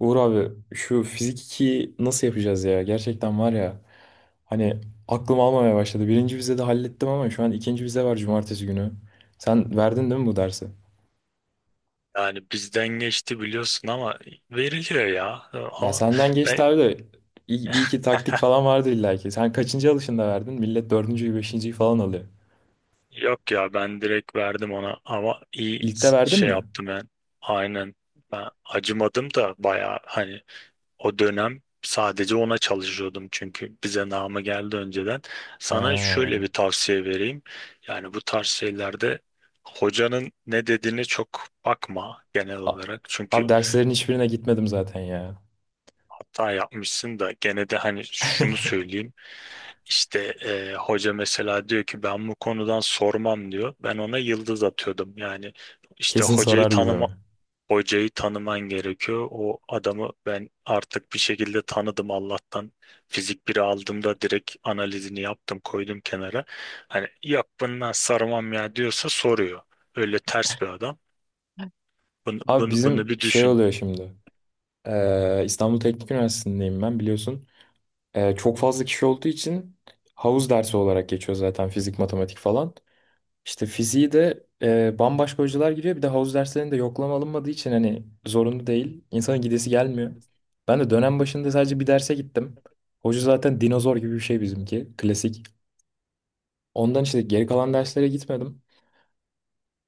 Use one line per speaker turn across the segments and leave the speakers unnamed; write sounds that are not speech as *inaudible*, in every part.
Uğur abi şu fizik 2'yi nasıl yapacağız ya? Gerçekten var ya, hani aklım almamaya başladı. Birinci vizede hallettim ama şu an ikinci vize var cumartesi günü. Sen verdin değil mi bu dersi?
Yani bizden geçti biliyorsun ama veriliyor ya.
Ya
Ama
senden geçti
ben
abi de bir iki taktik
*laughs*
falan vardı illa ki. Sen kaçıncı alışında verdin? Millet dördüncüyü beşinciyi falan alıyor.
yok ya ben direkt verdim ona ama iyi
İlkte verdin
şey
mi?
yaptım ben. Aynen ben acımadım da bayağı hani o dönem sadece ona çalışıyordum çünkü bize namı geldi önceden. Sana şöyle bir
Ha.
tavsiye vereyim. Yani bu tarz şeylerde hocanın ne dediğine çok bakma genel
A-
olarak.
Abi
Çünkü
derslerin hiçbirine gitmedim zaten ya.
hata yapmışsın da gene de hani şunu söyleyeyim. İşte hoca mesela diyor ki ben bu konudan sormam diyor. Ben ona yıldız atıyordum. Yani işte
Kesin sorar gibi mi?
hocayı tanıman gerekiyor. O adamı ben artık bir şekilde tanıdım Allah'tan. Fizik biri aldığımda direkt analizini yaptım, koydum kenara. Hani yok bundan sarmam ya diyorsa soruyor. Öyle ters bir adam. Bunu,
Abi
bunu, bunu
bizim
bir
şey
düşün.
oluyor şimdi. İstanbul Teknik Üniversitesi'ndeyim ben biliyorsun. Çok fazla kişi olduğu için havuz dersi olarak geçiyor zaten fizik, matematik falan. İşte fiziği de bambaşka hocalar giriyor. Bir de havuz derslerinde yoklama alınmadığı için hani zorunlu değil. İnsanın gidesi gelmiyor. Ben de dönem başında sadece bir derse gittim. Hoca zaten dinozor gibi bir şey bizimki. Klasik. Ondan işte geri kalan derslere gitmedim.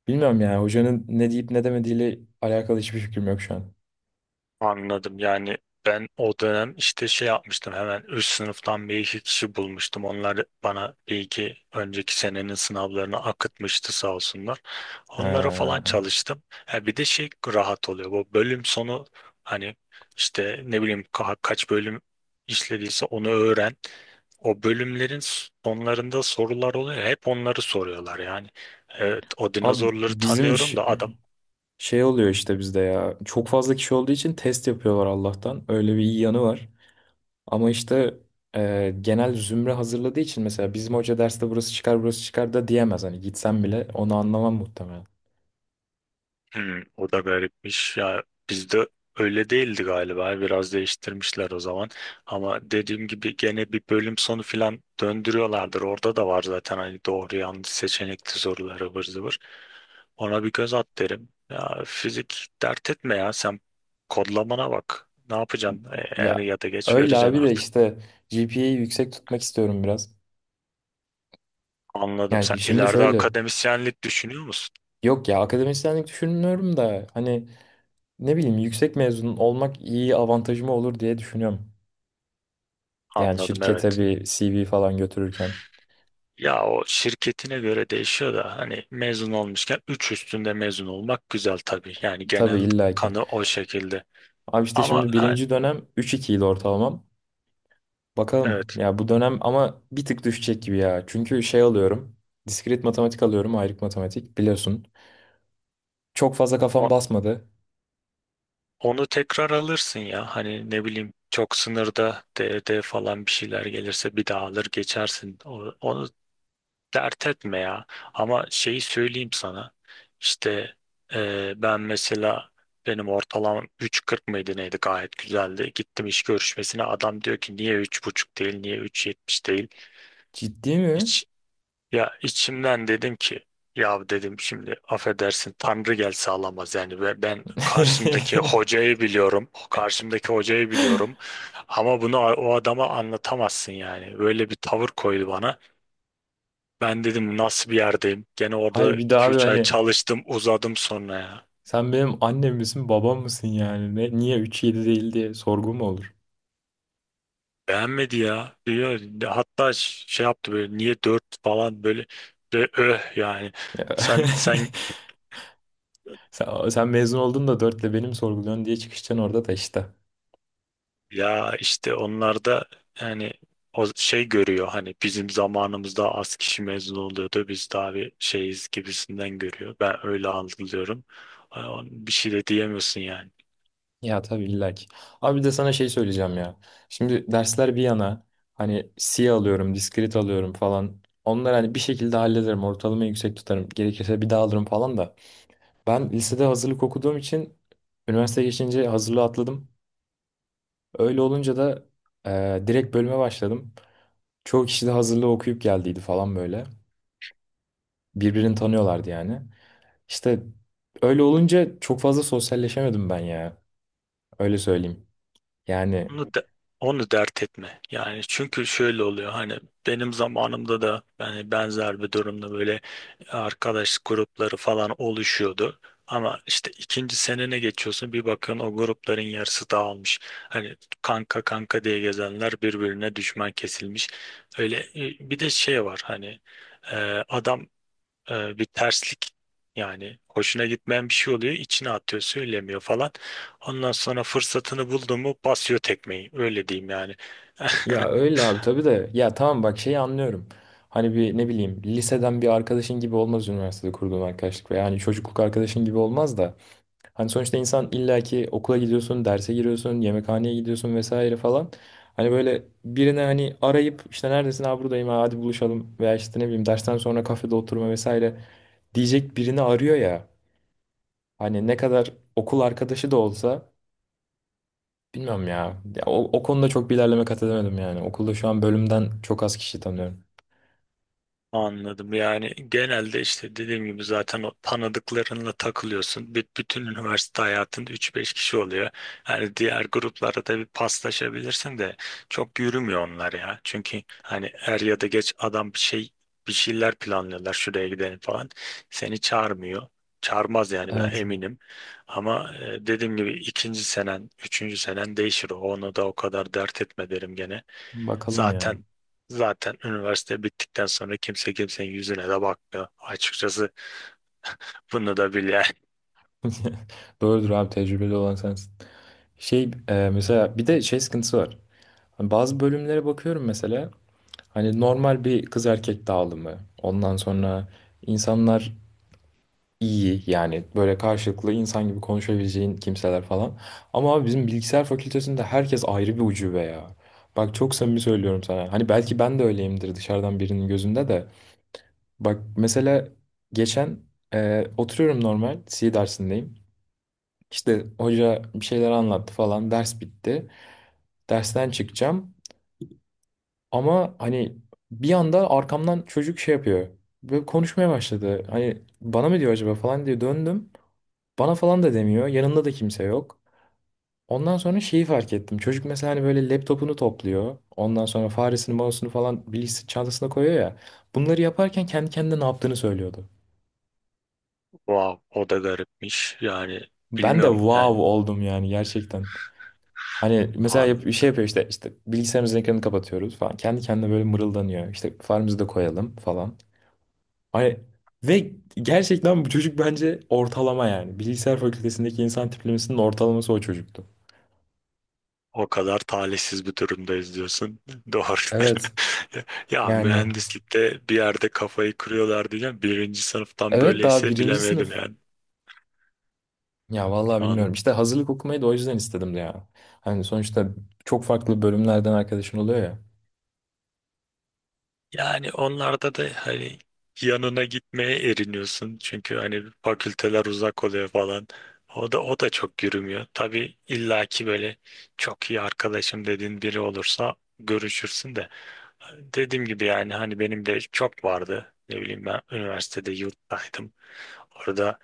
Bilmiyorum yani hocanın ne deyip ne demediğiyle alakalı hiçbir fikrim yok şu an.
Anladım. Yani ben o dönem işte şey yapmıştım, hemen üst sınıftan bir iki kişi bulmuştum. Onlar bana bir iki önceki senenin sınavlarını akıtmıştı sağ olsunlar. Onlara falan
Ha.
çalıştım. Ha, bir de şey rahat oluyor. Bu bölüm sonu hani işte ne bileyim kaç bölüm işlediyse onu öğren. O bölümlerin sonlarında sorular oluyor. Hep onları soruyorlar yani. Evet, o
Abi
dinozorları
bizim iş-
tanıyorum da adam.
Şey oluyor işte bizde ya. Çok fazla kişi olduğu için test yapıyorlar Allah'tan. Öyle bir iyi yanı var. Ama işte genel zümre hazırladığı için mesela bizim hoca derste burası çıkar burası çıkar da diyemez. Hani gitsem bile onu anlamam muhtemelen.
Hmm, o da garipmiş ya, bizde öyle değildi galiba, biraz değiştirmişler o zaman. Ama dediğim gibi gene bir bölüm sonu filan döndürüyorlardır, orada da var zaten hani doğru yanlış seçenekli soruları ıvır zıvır. Ona bir göz at derim ya, fizik dert etme ya sen, kodlamana bak. Ne yapacaksın, E, er
Ya
ya da geç
öyle
vereceksin
abi de
artık.
işte GPA'yı yüksek tutmak istiyorum biraz.
Anladım, sen
Yani şimdi
ileride
şöyle.
akademisyenlik düşünüyor musun?
Yok ya akademisyenlik düşünmüyorum da hani ne bileyim yüksek mezun olmak iyi avantajım olur diye düşünüyorum. Yani
Anladım,
şirkete
evet.
bir CV falan götürürken.
Ya o şirketine göre değişiyor da hani mezun olmuşken 3 üstünde mezun olmak güzel tabii. Yani
Tabii
genel
illaki.
kanı o şekilde.
Abi işte
Ama
şimdi
ha,
birinci dönem 3.2 ile ortalamam. Bakalım
evet,
ya bu dönem ama bir tık düşecek gibi ya. Çünkü şey alıyorum. Diskret matematik alıyorum. Ayrık matematik biliyorsun. Çok fazla kafam
o-
basmadı.
onu tekrar alırsın ya. Hani ne bileyim çok sınırda D D falan bir şeyler gelirse bir daha alır geçersin. O- Onu, dert etme ya. Ama şeyi söyleyeyim sana. İşte ben mesela benim ortalamam 3.40 mıydı neydi, gayet güzeldi. Gittim iş görüşmesine, adam diyor ki niye 3.5 değil, niye 3.70 değil.
Ciddi mi?
İç, ya içimden dedim ki, ya dedim şimdi affedersin Tanrı gelse alamaz yani ve ben karşımdaki
*laughs*
hocayı biliyorum, karşımdaki hocayı biliyorum ama bunu o adama anlatamazsın yani, böyle bir tavır koydu bana. Ben dedim nasıl bir yerdeyim? Gene
Hayır
orada
bir daha
iki
abi
üç ay
hani
çalıştım, uzadım sonra ya.
sen benim annem misin babam mısın yani? Ne, niye 3.7 değil diye sorgu mu olur?
Beğenmedi ya. Diyor, hatta şey yaptı böyle, niye 4 falan böyle, ve öh yani. Sen
*laughs* Sen mezun oldun da dörtle benim sorguluyorsun diye çıkışacaksın orada da işte.
ya işte onlar da yani o şey görüyor, hani bizim zamanımızda az kişi mezun oluyordu. Biz daha bir şeyiz gibisinden görüyor. Ben öyle algılıyorum. Ay, bir şey de diyemiyorsun yani.
Ya tabii illa ki. Abi bir de sana şey söyleyeceğim ya. Şimdi dersler bir yana, hani C alıyorum, diskrit alıyorum falan. Onları hani bir şekilde hallederim. Ortalamayı yüksek tutarım. Gerekirse bir daha alırım falan da. Ben lisede hazırlık okuduğum için üniversiteye geçince hazırlığı atladım. Öyle olunca da direkt bölüme başladım. Çoğu kişi de hazırlığı okuyup geldiydi falan böyle. Birbirini tanıyorlardı yani. İşte öyle olunca çok fazla sosyalleşemedim ben ya. Öyle söyleyeyim. Yani
Onu, de- onu dert etme. Yani çünkü şöyle oluyor hani benim zamanımda da yani benzer bir durumda böyle arkadaş grupları falan oluşuyordu. Ama işte ikinci senene geçiyorsun bir bakın o grupların yarısı dağılmış. Hani kanka kanka diye gezenler birbirine düşman kesilmiş. Öyle bir de şey var hani e, adam bir terslik yani, hoşuna gitmeyen bir şey oluyor, içine atıyor söylemiyor falan, ondan sonra fırsatını buldu mu basıyor tekmeyi, öyle diyeyim yani. *laughs*
ya öyle abi tabii de ya tamam bak şeyi anlıyorum. Hani bir ne bileyim liseden bir arkadaşın gibi olmaz üniversitede kurduğun arkadaşlık ve yani çocukluk arkadaşın gibi olmaz da. Hani sonuçta insan illaki okula gidiyorsun, derse giriyorsun, yemekhaneye gidiyorsun vesaire falan. Hani böyle birine hani arayıp işte neredesin abi buradayım ha, hadi buluşalım veya işte ne bileyim dersten sonra kafede oturma vesaire diyecek birini arıyor ya. Hani ne kadar okul arkadaşı da olsa bilmiyorum ya. Ya o konuda çok bir ilerleme kat edemedim yani. Okulda şu an bölümden çok az kişi tanıyorum.
Anladım. Yani genelde işte dediğim gibi zaten o tanıdıklarınla takılıyorsun. Bütün üniversite hayatında üç beş kişi oluyor. Yani diğer gruplara da bir paslaşabilirsin de çok yürümüyor onlar ya. Çünkü hani er ya da geç adam bir şeyler planlıyorlar, şuraya gidelim falan. Seni çağırmıyor. Çağırmaz yani, ben
Evet.
eminim. Ama e, dediğim gibi ikinci senen, üçüncü senen değişir. Onu da o kadar dert etme derim gene.
Bakalım ya.
Zaten zaten üniversite bittikten sonra kimse kimsenin yüzüne de bakmıyor. Açıkçası bunu da bile *laughs*
*laughs* Doğrudur abi tecrübeli olan sensin. Şey mesela bir de şey sıkıntısı var. Hani bazı bölümlere bakıyorum mesela. Hani normal bir kız erkek dağılımı. Ondan sonra insanlar iyi yani böyle karşılıklı insan gibi konuşabileceğin kimseler falan. Ama abi bizim bilgisayar fakültesinde herkes ayrı bir ucube ya. Bak çok samimi söylüyorum sana. Hani belki ben de öyleyimdir dışarıdan birinin gözünde de. Bak mesela geçen oturuyorum normal C dersindeyim. İşte hoca bir şeyler anlattı falan ders bitti. Dersten çıkacağım. Ama hani bir anda arkamdan çocuk şey yapıyor. Böyle konuşmaya başladı. Hani bana mı diyor acaba falan diye döndüm. Bana falan da demiyor. Yanında da kimse yok. Ondan sonra şeyi fark ettim. Çocuk mesela hani böyle laptopunu topluyor. Ondan sonra faresini, mouse'unu falan bilgisayar çantasına koyuyor ya. Bunları yaparken kendi kendine ne yaptığını söylüyordu.
wow, o da garipmiş. Yani
Ben de
bilmiyorum yani
wow oldum yani gerçekten. Hani mesela
an-
şey yapıyor işte işte bilgisayarımızın ekranını kapatıyoruz falan. Kendi kendine böyle mırıldanıyor. İşte faremizi de koyalım falan. Ay, ve gerçekten bu çocuk bence ortalama yani. Bilgisayar fakültesindeki insan tiplemesinin ortalaması o çocuktu.
o kadar talihsiz bir durumdayız diyorsun. *laughs* Doğru.
Evet.
*laughs* Ya
Yani.
mühendislikte bir yerde kafayı kırıyorlar diyeceğim. Birinci sınıftan
Evet daha
böyleyse
birinci
bilemedim
sınıf.
yani.
Ya vallahi bilmiyorum. İşte hazırlık okumayı da o yüzden istedim de ya. Hani sonuçta çok farklı bölümlerden arkadaşın oluyor ya.
Yani onlarda da hani yanına gitmeye eriniyorsun. Çünkü hani fakülteler uzak oluyor falan. O da o da çok yürümüyor. Tabii illaki böyle çok iyi arkadaşım dediğin biri olursa görüşürsün de. Dediğim gibi yani hani benim de çok vardı. Ne bileyim ben üniversitede yurttaydım. Orada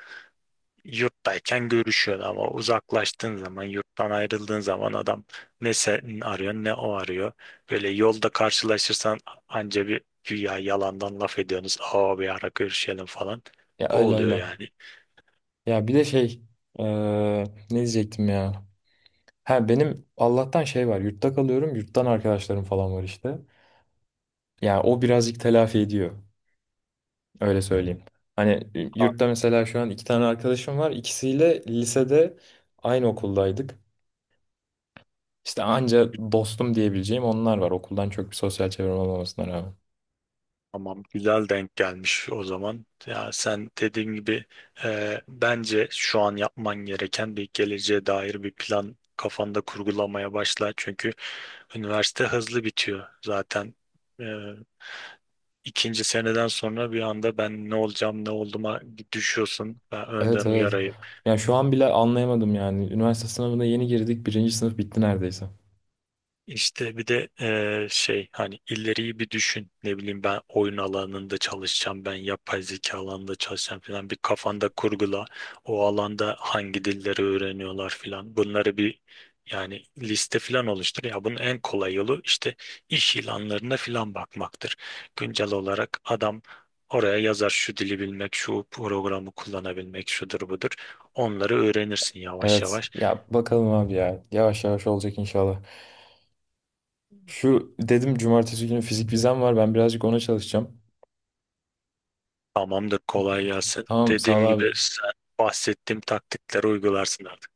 yurttayken görüşüyordu ama uzaklaştığın zaman, yurttan ayrıldığın zaman adam ne sen arıyor ne o arıyor. Böyle yolda karşılaşırsan anca bir güya yalandan laf ediyorsunuz. Aa, bir ara görüşelim falan.
Ya
O
öyle
oluyor
öyle.
yani.
Ya bir de şey. eee, Ne diyecektim ya. Ha benim Allah'tan şey var. Yurtta kalıyorum. Yurttan arkadaşlarım falan var işte. Ya o birazcık telafi ediyor. Öyle söyleyeyim. Hani
A-
yurtta mesela şu an iki tane arkadaşım var. İkisiyle lisede aynı okuldaydık. İşte anca dostum diyebileceğim onlar var. Okuldan çok bir sosyal çevrem olmamasına rağmen.
Tamam, güzel denk gelmiş o zaman. Ya sen dediğim gibi e, bence şu an yapman gereken bir geleceğe dair bir plan kafanda kurgulamaya başla. Çünkü üniversite hızlı bitiyor zaten. İkinci seneden sonra bir anda ben ne olacağım, ne olduğuma düşüyorsun. Ben
Evet,
önden
evet.
uyarayım.
Yani şu an bile anlayamadım yani. Üniversite sınavına yeni girdik. Birinci sınıf bitti neredeyse.
İşte bir de şey, hani ileriyi bir düşün. Ne bileyim ben oyun alanında çalışacağım, ben yapay zeka alanında çalışacağım falan. Bir kafanda kurgula. O alanda hangi dilleri öğreniyorlar falan. Bunları bir yani liste falan oluştur. Ya bunun en kolay yolu işte iş ilanlarına falan bakmaktır. Güncel olarak adam oraya yazar şu dili bilmek, şu programı kullanabilmek, şudur budur. Onları öğrenirsin yavaş
Evet.
yavaş.
Ya bakalım abi ya. Yavaş yavaş olacak inşallah. Şu dedim cumartesi günü fizik vizem var. Ben birazcık ona çalışacağım.
Tamamdır, kolay gelsin.
Tamam sağ ol
Dediğim
abi.
gibi sen bahsettiğim taktikleri uygularsın artık.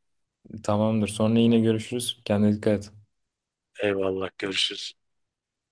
Tamamdır. Sonra yine görüşürüz. Kendine dikkat et.
Eyvallah, görüşürüz.